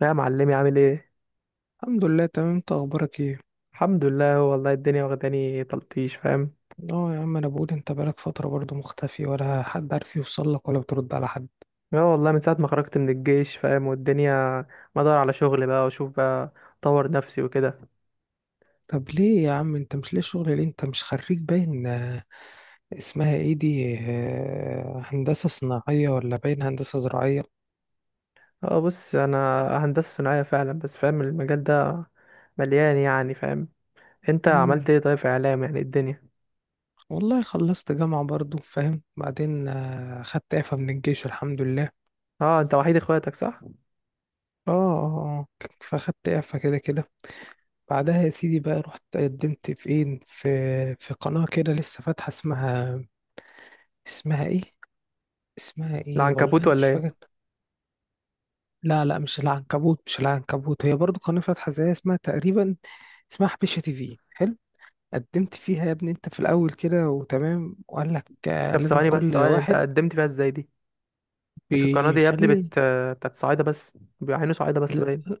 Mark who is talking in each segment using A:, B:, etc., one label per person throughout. A: لا يا معلمي، عامل ايه؟
B: الحمد لله، تمام. انت اخبارك ايه؟
A: الحمد لله، والله الدنيا واخداني تلطيش فاهم.
B: اه يا عم، انا بقول انت بقالك فتره برضه مختفي، ولا حد عارف يوصل لك، ولا بترد على حد؟
A: اه والله من ساعه ما خرجت من الجيش فاهم، والدنيا ما ادور على شغل بقى واشوف بقى، اطور نفسي وكده.
B: طب ليه يا عم؟ انت مش ليه شغل؟ ليه انت مش خريج باين اسمها ايه دي، هندسه صناعيه ولا باين هندسه زراعيه؟
A: اه بص انا هندسه صناعيه فعلا، بس فاهم المجال ده مليان يعني فاهم. انت عملت
B: امم.
A: ايه طيب في اعلام، يعني الدنيا؟
B: والله خلصت جامعه برضه، فاهم؟ بعدين خدت اعفاء من الجيش، الحمد لله.
A: اه، انت وحيد اخواتك صح؟
B: اه، اه، اه. فاخدت اعفاء كده كده. بعدها يا سيدي بقى، رحت قدمت في ايه، في قناه كده لسه فاتحه، اسمها ايه، اسمها ايه، والله
A: العنكبوت
B: انا
A: ولا
B: مش فاكر.
A: ايه؟
B: لا، لا، مش العنكبوت، مش العنكبوت، هي برضو قناة فاتحة زيها، اسمها تقريبا اسمها حبيشة تي في، حلو. قدمت فيها يا ابني انت في الاول كده وتمام، وقال لك
A: طب
B: لازم
A: ثواني بس،
B: كل
A: ثواني، انت
B: واحد
A: قدمت فيها ازاي دي؟ مش القناه دي يا ابني
B: بيخلي
A: بت بتاعت صعايده بس، بيعينوا صعايده بس باين.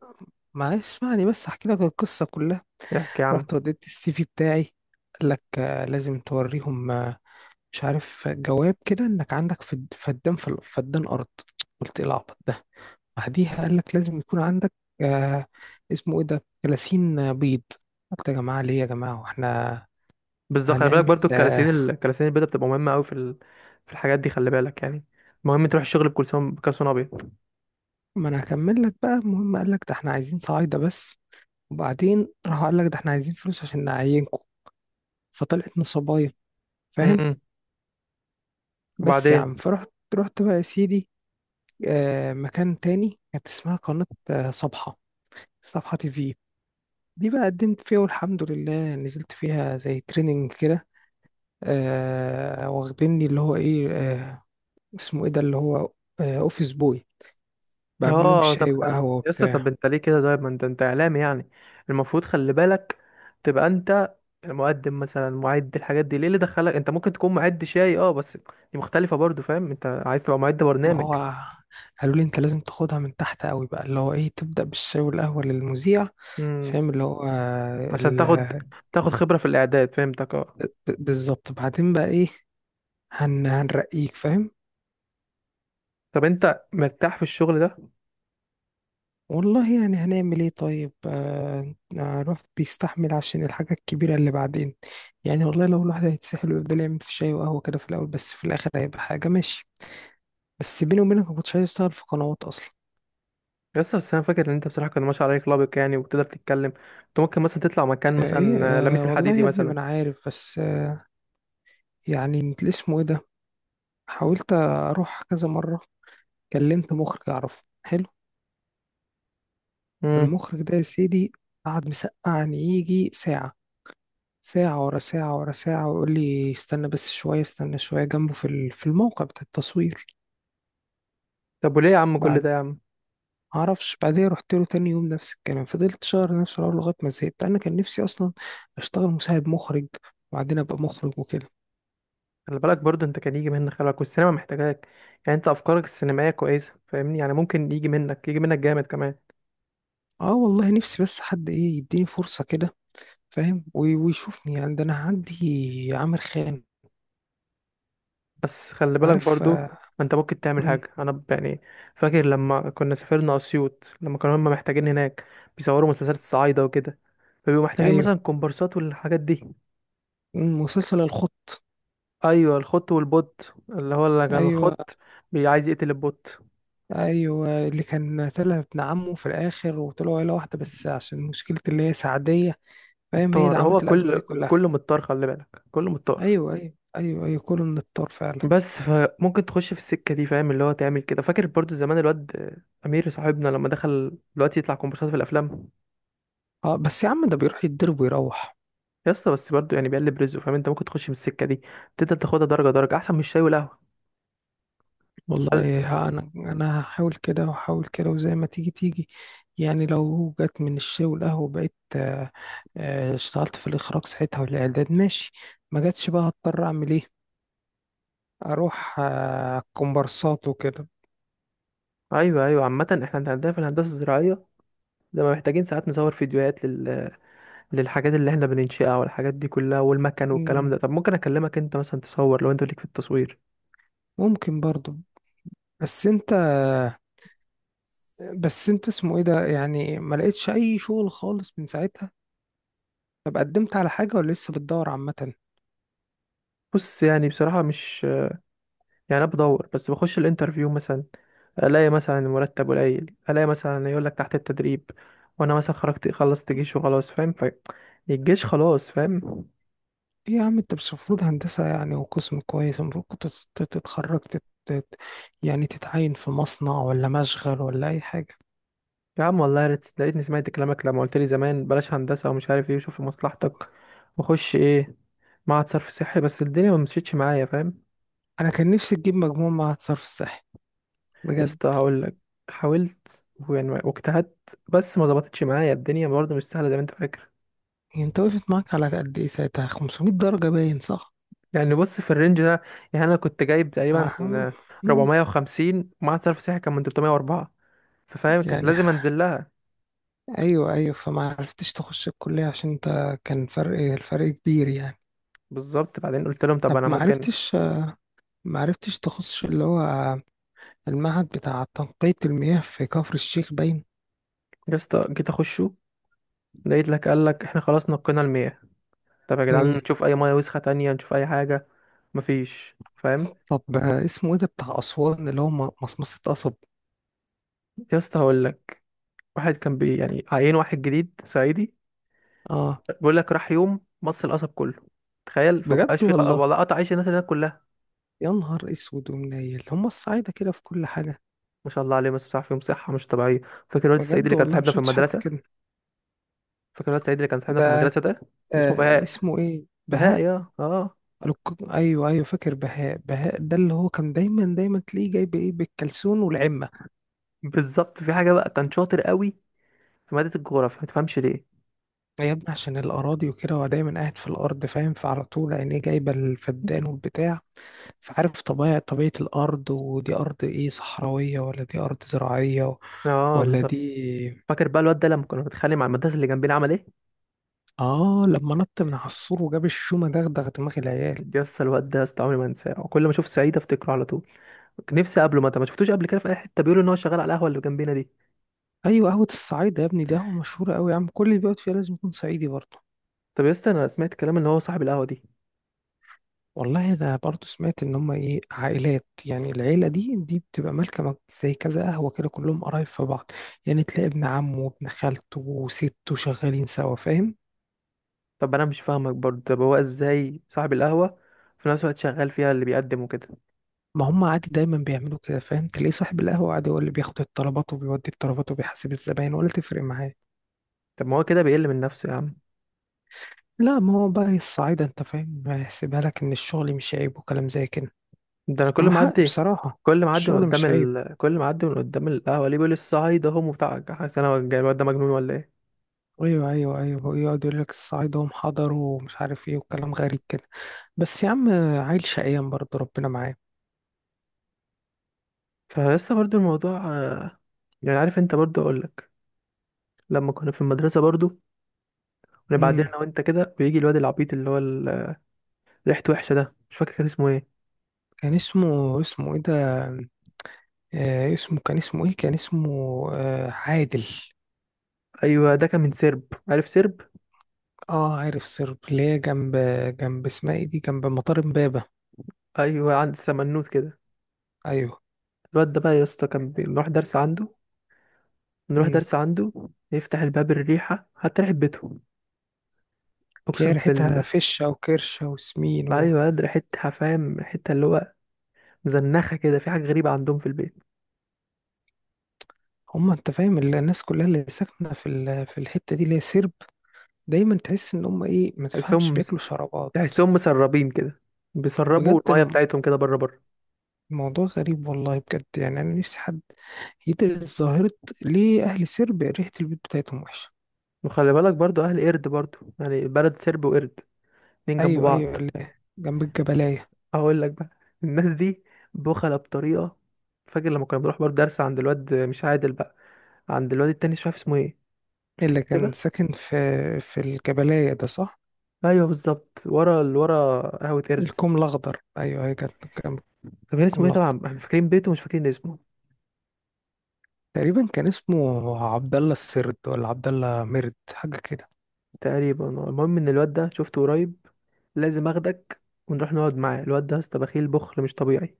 B: معلش، اسمعني بس احكي لك القصة كلها.
A: احكي يا عم.
B: رحت وديت السي في بتاعي، قال لك لازم توريهم مش عارف جواب كده، انك عندك فدان، في فدان ارض. قلت ايه العبط ده؟ بعديها قال لك لازم يكون عندك آه اسمه ايه ده، 30 بيض. قلت يا جماعه، ليه يا جماعه، واحنا
A: بالظبط، خلي بالك
B: هنعمل
A: برضو الكلاسين الكلاسين البيضاء بتبقى مهمه قوي في ال... في الحاجات دي خلي بالك يعني. مهم تروح الشغل بكلسون، بكلسون ابيض.
B: ما انا هكمل لك بقى. المهم قال لك ده احنا عايزين صعايده بس، وبعدين راح قال لك ده احنا عايزين فلوس عشان نعينكم. فطلعت نصابيه، فاهم؟
A: امم
B: بس يا
A: وبعدين؟
B: عم، فرحت رحت بقى يا سيدي مكان تاني، كانت اسمها قناه صبحه، صبحه تي في. دي بقى قدمت فيها والحمد لله، نزلت فيها زي تريننج كده، واخديني اللي هو ايه، اسمه ايه ده، اللي هو اوفيس بوي، بعمل لهم
A: اه طب
B: شاي
A: خل...
B: وقهوة
A: يس، طب
B: وبتاع.
A: انت ليه كده طيب؟ ما انت اعلامي يعني، المفروض خلي بالك تبقى انت المقدم مثلا، معد الحاجات دي. ليه اللي دخلك انت ممكن تكون معد شاي؟ اه بس دي مختلفه برضو فاهم، انت عايز تبقى معد
B: ما
A: برنامج
B: هو قالوا لي انت لازم تاخدها من تحت قوي بقى، اللي هو ايه، تبدأ بالشاي والقهوة للمذيع. فاهم اللي هو
A: عشان تاخد تاخد خبرة في الإعداد، فهمتك اه.
B: بالظبط. بعدين بقى ايه؟ هنرقيك، فاهم؟
A: طب انت مرتاح في الشغل ده؟
B: والله يعني هنعمل ايه طيب؟ الواحد بيستحمل عشان الحاجة الكبيرة اللي بعدين. يعني والله لو الواحد هيتسحل ويفضل يعمل في شاي وقهوة كده في الأول، بس في الآخر هيبقى حاجة ماشي. بس بيني وبينك، ما كنتش عايز اشتغل في قنوات أصلا.
A: بس انا فاكر ان انت بصراحة كان ما شاء الله عليك لابق يعني، وبتقدر تتكلم. انت ممكن مثلا تطلع مكان
B: آه ايه
A: مثلا
B: آه
A: لميس
B: والله
A: الحديدي
B: يا ابني ما
A: مثلا.
B: أنا عارف، بس يعني انت اسمه ايه ده. حاولت أروح كذا مرة، كلمت مخرج أعرفه حلو.
A: امم.
B: المخرج ده يا سيدي قعد مسقعني يجي ساعة، ساعة ورا ساعة ورا ساعة، ويقول لي استنى بس شوية، استنى شوية جنبه في في الموقع بتاع التصوير.
A: طب وليه يا عم كل
B: بعد
A: ده يا عم؟
B: معرفش، بعدين رحت له تاني يوم نفس الكلام، فضلت شهر نفس الحوار لغاية ما زهقت. أنا كان نفسي أصلا أشتغل مساعد مخرج، وبعدين أبقى مخرج وكده.
A: خلي بالك برضه انت كان يجي منك، خلي بالك، والسينما محتاجاك. يعني انت افكارك السينمائية كويسة فاهمني، يعني ممكن يجي منك، يجي منك جامد كمان.
B: أه والله نفسي، بس حد إيه يديني فرصة كده، فاهم؟ ويشوفني يعني، ده أنا عندي عامر خان،
A: بس خلي بالك
B: عارف؟
A: برضو، ما انت ممكن تعمل
B: مم،
A: حاجة. انا يعني فاكر لما كنا سافرنا اسيوط، لما كانوا هم محتاجين هناك بيصوروا مسلسلات الصعايدة وكده، فبيبقوا محتاجين مثلا
B: أيوه.
A: كومبارسات والحاجات دي.
B: مسلسل الخط.
A: ايوه، الخط والبوت اللي هو اللي كان
B: أيوه،
A: الخط عايز يقتل البوت.
B: ايوه اللي كان طلع ابن عمه في الاخر، وطلعوا عيله واحده، بس عشان مشكله اللي هي سعديه، فاهم؟ هي اللي
A: الطار هو
B: عملت الازمه دي
A: كل،
B: كلها.
A: كله متطار، خلي بالك كله متطار.
B: ايوه، ايوه، ايوه، ايوه، كله من الطار فعلا.
A: بس فممكن تخش في السكة دي فاهم، اللي هو تعمل كده. فاكر برضو زمان الواد امير صاحبنا لما دخل دلوقتي يطلع كومبارسات في الافلام؟
B: اه، بس يا عم ده بيروح يتضرب ويروح.
A: يا اسطى بس برضه يعني بيقلب رزقه فاهم، انت ممكن تخش من السكه دي، تقدر تاخدها درجه درجه احسن من الشاي والقهوه. هل-
B: والله ها انا هحاول كده وهحاول كده، وزي ما تيجي تيجي. يعني لو جت من الشاي والقهوه، بقيت اشتغلت في الاخراج ساعتها والاعداد، ماشي. ما جاتش بقى، هضطر اعمل ايه؟ اروح كومبارسات وكده.
A: ايوه ايوه. عامه احنا عندنا في الهندسه الزراعيه لما محتاجين ساعات نصور فيديوهات لل... للحاجات اللي احنا بننشئها والحاجات دي كلها، والمكن والكلام
B: مم،
A: ده. طب ممكن اكلمك انت مثلا تصور، لو انت ليك في التصوير.
B: ممكن برضو. بس انت بس انت اسمه ايه ده، يعني ما لقيتش اي شغل خالص من ساعتها. طب قدمت على حاجة ولا لسه بتدور؟ عامة ايه؟
A: بص يعني بصراحه مش يعني، انا بدور بس بخش الانترفيو مثلا الاقي مثلا المرتب قليل، الاقي مثلا يقول لك تحت التدريب، وانا مثلا خرجت خلصت جيش وخلاص فاهم، ف الجيش خلاص فاهم.
B: يا عم انت مش المفروض هندسة؟ يعني وقسم كويس، المفروض كنت تتخرج يعني تتعين في مصنع، ولا مشغل، ولا اي حاجة.
A: يا عم والله يا ريت لقيتني سمعت كلامك لما قلت لي زمان بلاش هندسة ومش عارف ايه، وشوف لمصلحتك وخش ايه معهد صرف صحي، بس الدنيا ما مشيتش معايا فاهم.
B: انا كان نفسي تجيب مجموع مع الصرف الصحي،
A: يا
B: بجد.
A: اسطى هقول لك، حاولت ويعني واجتهدت، بس ما ظبطتش معايا الدنيا، برضه مش سهلة زي ما انت فاكر.
B: يعني انت وقفت معاك على قد ايه ساعتها؟ 500 درجة باين، صح؟
A: يعني بص في الرينج ده، يعني انا كنت جايب تقريبا
B: أهم... مم.
A: 450. معهد صرف صحي كان من 304، ففاهم كانت
B: يعني،
A: لازم انزل لها.
B: ايوه، ايوه، فما عرفتش تخش الكلية عشان انت كان الفرق كبير يعني.
A: بالظبط. بعدين قلت لهم طب
B: طب
A: انا
B: ما
A: ممكن.
B: عرفتش، ما عرفتش تخش اللي هو المعهد بتاع تنقية المياه في كفر الشيخ، باين؟
A: يا اسطى جيت اخشه، لقيت لك قال لك احنا خلاص نقينا ال 100. طب يا جدعان
B: امم.
A: نشوف اي ميه وسخه تانية، نشوف اي حاجه. مفيش فاهم.
B: طب اسمه ايه ده بتاع أسوان اللي هو مصمصة قصب؟
A: يا اسطى هقول لك، واحد كان بي يعني عيين واحد جديد صعيدي.
B: اه،
A: بيقول لك راح يوم مص القصب كله، تخيل، فبقاش
B: بجد
A: في خ...
B: والله.
A: والله قطع عيش الناس اللي هناك كلها.
B: يا نهار اسود ومنيل، هم الصعايدة كده في كل حاجة.
A: ما شاء الله عليه، بس بتاع فيهم صحه مش طبيعيه. فاكر الواد الصعيدي
B: بجد
A: اللي كان
B: والله، ما
A: صاحبنا في
B: شفتش حد
A: المدرسه؟
B: كده.
A: فاكر الواد الصعيدي اللي كان صاحبنا في
B: ده
A: المدرسه ده اللي اسمه بهاء.
B: اسمه ايه،
A: بهاء
B: بهاء؟
A: يا اه.
B: ايوه، ايوه، فاكر بهاء. بهاء ده اللي هو كان دايما دايما تلاقيه جايب ايه بالكلسون والعمة.
A: بالظبط. في حاجه بقى كان شاطر قوي في ماده الجغرافيا، ما تفهمش ليه؟
B: يا ابني عشان الأراضي وكده، هو دايما قاعد في الأرض، فاهم؟ فعلى طول عينيه جايبة الفدان والبتاع، فعارف طبيعة، طبيعة الأرض، ودي أرض إيه، صحراوية ولا دي أرض زراعية
A: اه
B: ولا
A: بالظبط.
B: دي...
A: فاكر بقى الواد ده لما كنا بنتخانق مع المدرسه اللي جنبنا عمل ايه؟
B: آه، لما نط من على السور وجاب الشومة، دغدغ دماغ العيال.
A: يس، الواد ده يا اسطى عمري ما انساه، وكل ما اشوف سعيد افتكره على طول. نفسي اقابله، ما شفتوش قبل كده في اي حته؟ بيقولوا ان هو شغال على القهوه اللي جنبنا دي.
B: أيوة، قهوة الصعيد يا ابني دي قهوة مشهورة أوي يا عم، كل اللي بيقعد فيها لازم يكون صعيدي برضه.
A: طب يا اسطى انا سمعت كلام ان هو صاحب القهوه دي.
B: والله انا برضو سمعت ان هم ايه، عائلات، يعني العيله دي، دي بتبقى مالكه زي كذا قهوه كده، كلهم قرايب في بعض. يعني تلاقي ابن عمه وابن خالته وسته شغالين سوا، فاهم؟
A: طب انا مش فاهمك برضه، طب هو ازاي صاحب القهوه في نفس الوقت شغال فيها اللي بيقدم وكده؟
B: ما هم عادي دايما بيعملوا كده، فاهم؟ تلاقي صاحب القهوه عادي هو اللي بياخد الطلبات وبيودي الطلبات وبيحاسب الزباين، ولا تفرق معاه.
A: طب ما هو كده بيقل من نفسه يا عم.
B: لا، ما هو بقى الصعايده انت فاهم، هيحسبها لك ان الشغل مش عيب، وكلام زي كده.
A: ده انا كل
B: وما
A: ما
B: حق
A: اعدي،
B: بصراحه، الشغل مش عيب.
A: كل ما اعدي من قدام القهوه ليه بيقول الصعيد اهو وبتاع، حاسس انا الجاي- الواد ده مجنون ولا ايه؟
B: ايوه، ايوه، ايوه، يقعد يقول لك الصعايدة هم حضروا ومش عارف ايه، وكلام غريب كده. بس يا عم، عيل شقيان برضه، ربنا معاه.
A: فيا اسطى برضه الموضوع يعني عارف انت برضه، اقول لك لما كنا في المدرسه برضه، يعني بعدين
B: امم.
A: انا وانت كده بيجي الواد العبيط اللي هو ريحته وحشه ده، مش فاكر كان اسمه ايه.
B: كان اسمه ايه ده، اسمه، كان اسمه ايه، كان اسمه، عادل.
A: ايوه، ده كان من سرب، عارف سرب؟
B: اه عارف سرب، اللي هي جنب، اسمها ايه دي، جنب مطار امبابة.
A: ايوه عند سمنوت كده.
B: ايوه.
A: الواد ده بقى يا اسطى كان بنروح درس عنده، نروح
B: امم.
A: درس عنده يفتح الباب، الريحه حتى ريحه بيته،
B: تلاقي
A: اقسم
B: ريحتها
A: بالله.
B: فشة وكرشة وسمين و...
A: ايوه ياد، ريحتها فاهم، ريحتها اللي هو مزنخه كده، في حاجه غريبه عندهم في البيت.
B: هم انت فاهم، الناس كلها اللي ساكنة في في الحتة دي اللي هي سرب، دايما تحس ان هم ايه، ما تفهمش
A: تحسهم مس-
B: بياكلوا شرابات.
A: تحسهم مسربين كده، بيسربوا
B: بجد،
A: الميه بتاعتهم كده بره بره.
B: موضوع غريب والله، بجد. يعني انا نفسي حد يدرس ظاهرة ليه اهل سربيا ريحة البيت بتاعتهم وحشة.
A: وخلي بالك برضو اهل قرد برضو، يعني بلد سرب وقرد، اتنين جنب
B: ايوه،
A: بعض.
B: ايوه، اللي جنب الجبلاية،
A: هقول لك بقى، الناس دي بخلة بطريقة. فاكر لما كنا بنروح برضه درس عند الواد، مش عادل بقى، عند الواد التاني، مش عارف اسمه ايه، افتكر
B: اللي كان
A: كده.
B: ساكن في الجبلاية ده، صح؟
A: ايوه بالظبط، ورا اللي ورا قهوة قرد.
B: الكوم الاخضر، ايوه، هي كانت جنب
A: طب كان
B: الكوم
A: اسمه ايه؟
B: الاخضر.
A: طبعا احنا فاكرين بيته مش فاكرين اسمه.
B: تقريبا كان اسمه عبد الله السرد، ولا عبد الله مرد، حاجة كده.
A: تقريبا. المهم ان الواد ده شفته قريب، لازم اخدك ونروح نقعد معاه. الواد ده يا اسطى بخيل، بخل مش طبيعي.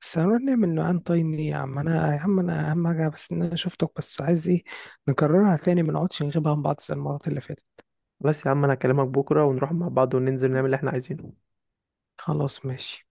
B: بس هنروح نعمل نوعان طاين ليه يا عم انا اهم حاجة بس ان انا شفتك، بس عايز ايه، نكررها تاني، ما نقعدش نغيبها عن بعض زي المرات اللي فاتت.
A: بس يا عم انا هكلمك بكره ونروح مع بعض وننزل نعمل اللي احنا عايزينه.
B: خلاص، ماشي.